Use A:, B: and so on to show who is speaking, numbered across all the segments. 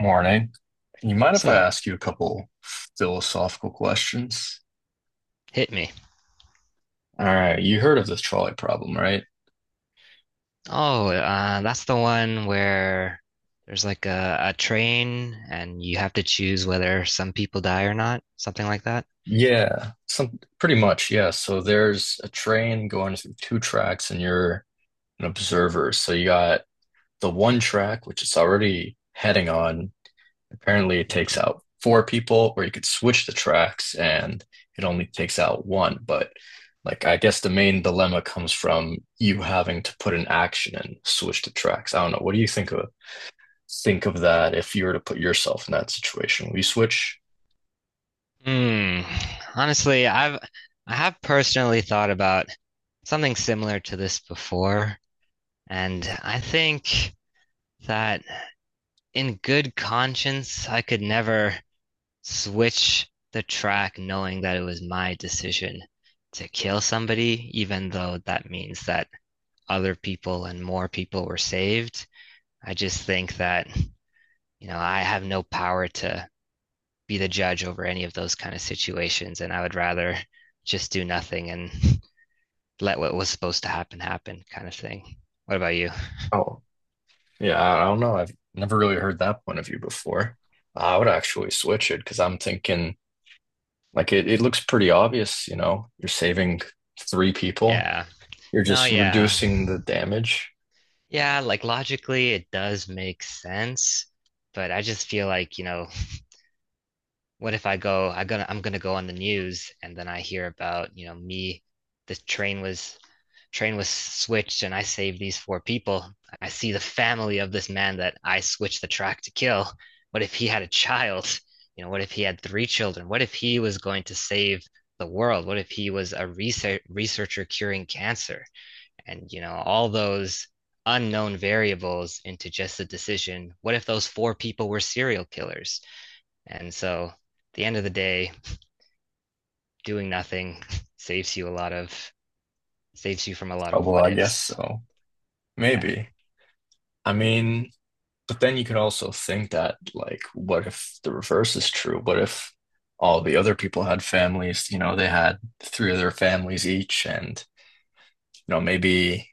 A: Morning. You mind
B: What's
A: if I
B: up?
A: ask you a couple philosophical questions?
B: Hit me.
A: All right, you heard of the trolley problem, right?
B: Oh, that's the one where there's like a train and you have to choose whether some people die or not, something like that.
A: Yeah, some pretty much, yeah. So there's a train going through two tracks and you're an observer. So you got the one track, which it's already heading on. Apparently, it takes
B: Mhm.
A: out four people, or you could switch the tracks and it only takes out one. But like, I guess the main dilemma comes from you having to put an action and switch the tracks. I don't know. What do you think of that if you were to put yourself in that situation? Will you switch?
B: Hmm. Honestly, I have personally thought about something similar to this before, and I think that in good conscience, I could never switch the track knowing that it was my decision to kill somebody, even though that means that other people and more people were saved. I just think that, I have no power to be the judge over any of those kind of situations. And I would rather just do nothing and let what was supposed to happen happen kind of thing. What about you?
A: Oh, yeah. I don't know. I've never really heard that point of view before. I would actually switch it because I'm thinking like it looks pretty obvious, you're saving three people.
B: Yeah.
A: You're
B: No,
A: just
B: yeah.
A: reducing the damage.
B: Yeah, like logically, it does make sense. But I just feel like, what if I'm gonna go on the news and then I hear about me, the train was switched and I saved these four people. I see the family of this man that I switched the track to kill. What if he had a child? What if he had three children? What if he was going to save the world? What if he was a researcher curing cancer? And all those unknown variables into just the decision. What if those four people were serial killers? And so, at the end of the day, doing nothing saves you a lot of saves you from a lot
A: Oh,
B: of
A: well,
B: what
A: I guess
B: ifs.
A: so.
B: Yeah,
A: Maybe. I mean, but then you could also think that, like, what if the reverse is true? What if all the other people had families, they had three of their families each, and, you know, maybe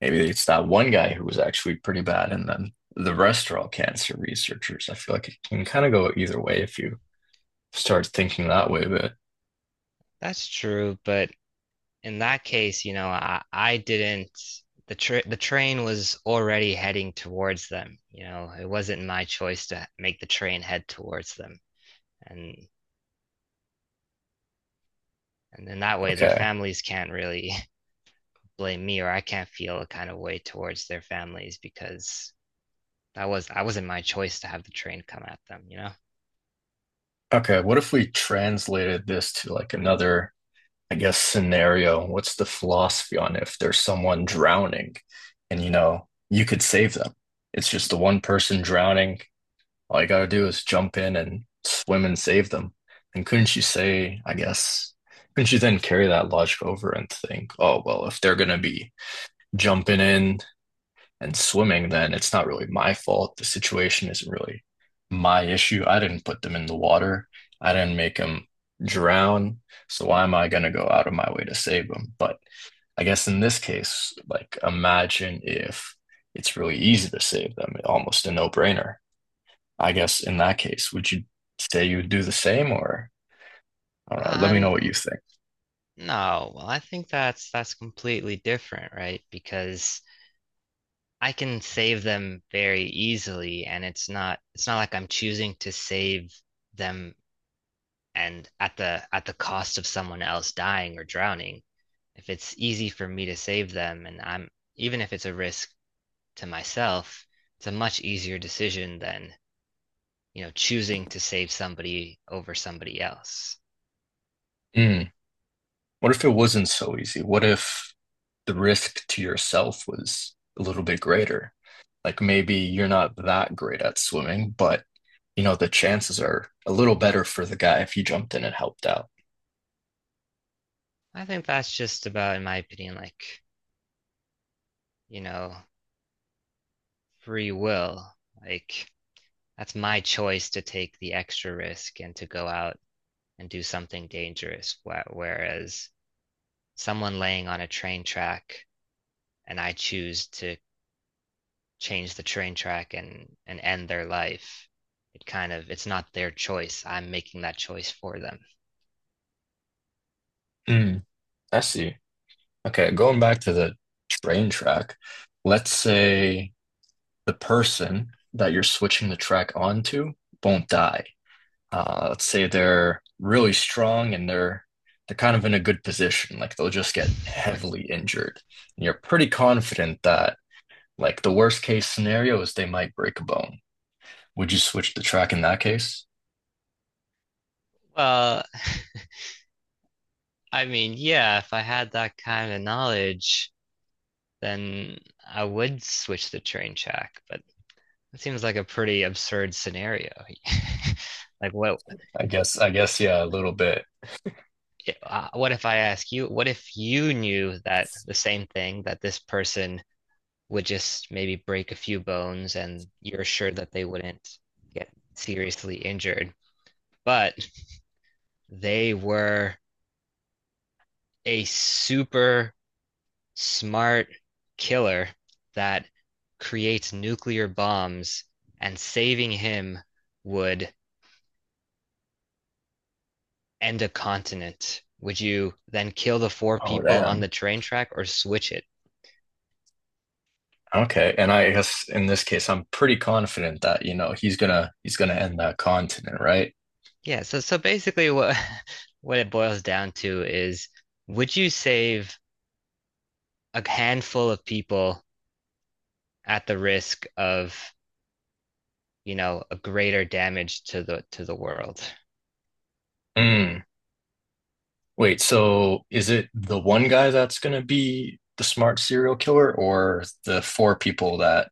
A: maybe it's that one guy who was actually pretty bad, and then the rest are all cancer researchers. I feel like it can kind of go either way if you start thinking that way, but.
B: that's true. But in that case, I didn't. The train was already heading towards them. It wasn't my choice to make the train head towards them. And and in that way, their
A: Okay.
B: families can't really blame me, or I can't feel a kind of way towards their families because that was I wasn't my choice to have the train come at them. You know.
A: Okay, what if we translated this to like another, I guess, scenario? What's the philosophy on if there's someone drowning and you could save them? It's just the one person drowning. All you gotta do is jump in and swim and save them. And couldn't you say, I guess, couldn't you then carry that logic over and think, oh, well, if they're gonna be jumping in and swimming, then it's not really my fault. The situation isn't really my issue. I didn't put them in the water. I didn't make them drown. So why am I going to go out of my way to save them? But I guess in this case, like imagine if it's really easy to save them, almost a no-brainer. I guess in that case, would you say you would do the same or I don't know, let me know
B: Um,
A: what you think.
B: No, well, I think that's completely different, right? Because I can save them very easily and it's not like I'm choosing to save them and at the cost of someone else dying or drowning. If it's easy for me to save them and I'm even if it's a risk to myself, it's a much easier decision than, choosing to save somebody over somebody else.
A: Hmm. What if it wasn't so easy? What if the risk to yourself was a little bit greater. Like maybe you're not that great at swimming, but the chances are a little better for the guy if he jumped in and helped out.
B: I think that's just about, in my opinion, like, you know, free will. Like, that's my choice to take the extra risk and to go out and do something dangerous. Whereas someone laying on a train track and I choose to change the train track and end their life, it's not their choice. I'm making that choice for them.
A: Mm, I see. Okay, going back to the train track, let's say the person that you're switching the track onto won't die. Let's say they're really strong and they're kind of in a good position, like they'll just get heavily injured. And you're pretty confident that. Like, the worst case scenario is they might break a bone. Would you switch the track in that case?
B: Well, I mean, yeah, if I had that kind of knowledge, then I would switch the train track, but that seems like a pretty absurd scenario. Like what
A: I guess, yeah, a little bit.
B: what if I ask you, what if you knew that the same thing that this person would just maybe break a few bones and you're sure that they wouldn't get seriously injured, but they were a super smart killer that creates nuclear bombs and saving him would and a continent, would you then kill the four
A: Oh,
B: people on
A: damn.
B: the train track or switch it?
A: Okay. And I guess in this case, I'm pretty confident that, he's gonna end that continent, right?
B: Yeah, so basically what what it boils down to is would you save a handful of people at the risk of, a greater damage to the world?
A: Mm. Wait, so is it the one guy that's gonna be the smart serial killer or the four people that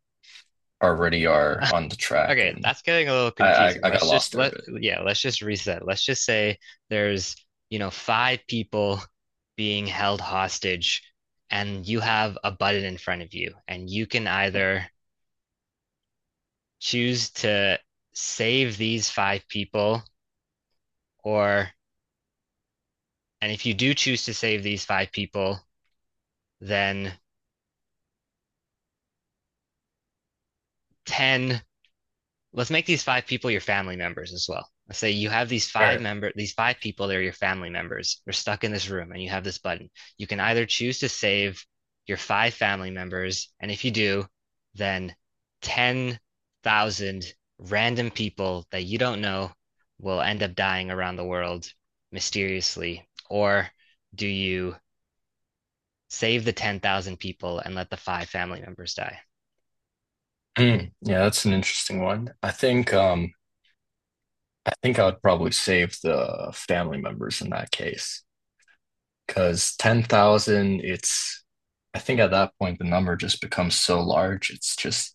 A: already are on the track?
B: Okay,
A: And
B: that's getting a little
A: I I,
B: confusing.
A: I got
B: Let's
A: lost
B: just
A: there a
B: let
A: bit.
B: yeah, let's just reset. Let's just say there's, five people being held hostage and you have a button in front of you and you can either choose to save these five people or and if you do choose to save these five people, then 10. Let's make these five people your family members as well. Let's say you have these
A: All right.
B: five people, they're your family members. They're stuck in this room and you have this button. You can either choose to save your five family members, and if you do, then 10,000 random people that you don't know will end up dying around the world mysteriously. Or do you save the 10,000 people and let the five family members die?
A: Mm. Yeah, that's an interesting one. I think I would probably save the family members in that case because 10,000, it's, I think at that point, the number just becomes so large. It's just,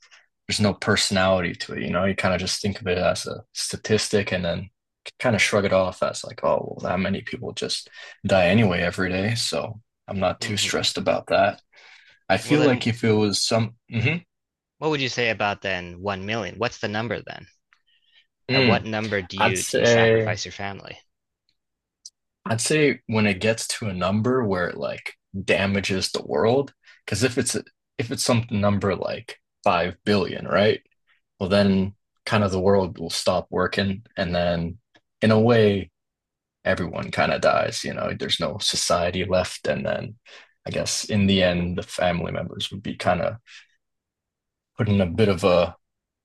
A: there's no personality to it. You kind of just think of it as a statistic and then kind of shrug it off as like, oh, well, that many people just die anyway every day. So I'm not too
B: Hmm.
A: stressed about that. I
B: Well,
A: feel
B: then
A: like if it was some. Mhm.
B: what would you say about then 1 million? What's the number then? At
A: Mm.
B: what number do
A: I'd
B: you
A: say.
B: sacrifice your family?
A: I'd say when it gets to a number where it like damages the world, because if it's some number like 5 billion, right? Well, then kind of the world will stop working, and then in a way, everyone kind of dies. There's no society left, and then I guess in the end, the family members would be kind of put in a bit of a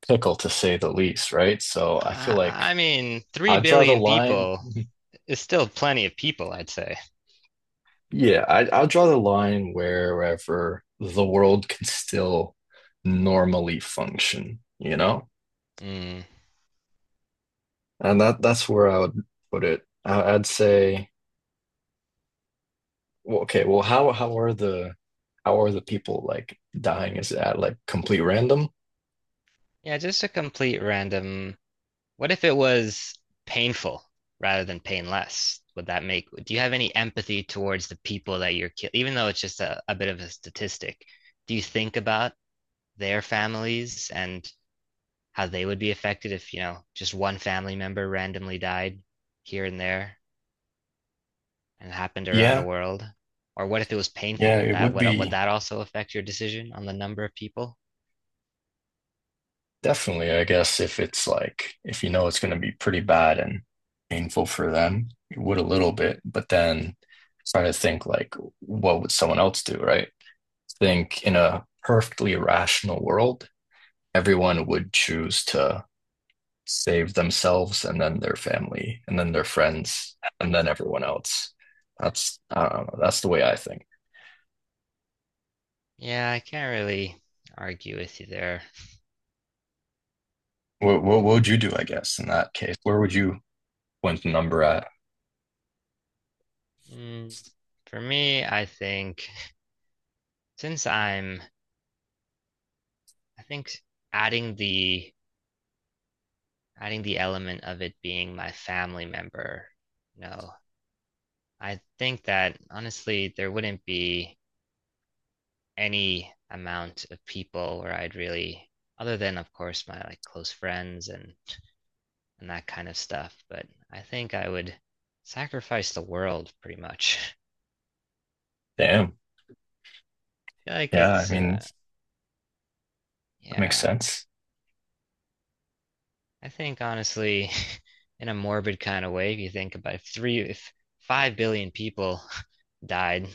A: pickle to say the least, right? So I feel
B: I,
A: like
B: I mean, three
A: I draw the
B: billion
A: line
B: people is still plenty of people, I'd say.
A: I'll draw the line wherever the world can still normally function, you know?
B: Mm.
A: And that's where I would put it. I'd say, well, okay, well, how are the people like dying? Is that like complete random?
B: Yeah, just a complete random. What if it was painful rather than painless? Do you have any empathy towards the people that you're killing? Even though it's just a bit of a statistic, do you think about their families and how they would be affected if, just one family member randomly died here and there, and happened around the
A: Yeah,
B: world? Or what if it was
A: yeah,
B: painful? Would
A: it
B: that
A: would
B: would, would
A: be
B: that also affect your decision on the number of people?
A: definitely, I guess, if it's like if you know it's going to be pretty bad and painful for them, it would a little bit, but then try to think like, what would someone else do, right? Think in a perfectly rational world, everyone would choose to save themselves and then their family and then their friends and then everyone else. That's I don't know. That's the way I think.
B: Yeah, I can't really argue with you there.
A: What would you do? I guess in that case, where would you point the number at?
B: Mm, for me, since I'm, I think adding the adding the element of it being my family member, no, I think that honestly there wouldn't be any amount of people where I'd really, other than of course my like close friends and that kind of stuff. But I think I would sacrifice the world pretty much.
A: Damn.
B: I feel like
A: Yeah. I mean, that makes
B: yeah,
A: sense.
B: I think honestly, in a morbid kind of way, if you think about it, if 5 billion people died,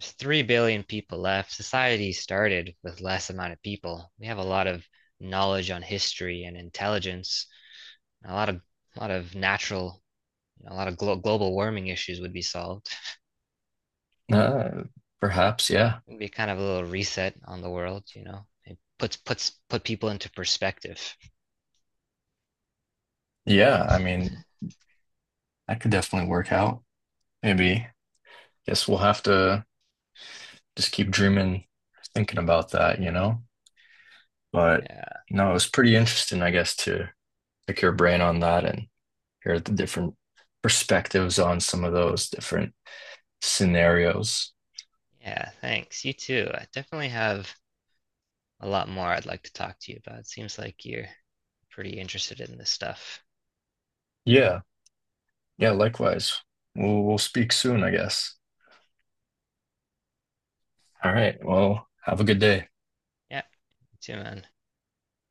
B: there's 3 billion people left. Society started with less amount of people. We have a lot of knowledge on history and intelligence. And a lot of natural, a lot of global warming issues would be solved.
A: Uh, perhaps. Yeah.
B: It'd be kind of a little reset on the world. It puts puts put people into perspective.
A: Yeah. I mean, that could definitely work out. Maybe. Guess we'll have to just keep dreaming, thinking about that. You know. But
B: Yeah.
A: no, it was pretty interesting, I guess, to pick your brain on that and hear the different perspectives on some of those different scenarios.
B: Yeah, thanks. You too. I definitely have a lot more I'd like to talk to you about. It seems like you're pretty interested in this stuff.
A: Yeah, yeah, likewise. We'll speak soon, I guess. All right. Well, have a good day.
B: Yeah, you too, man.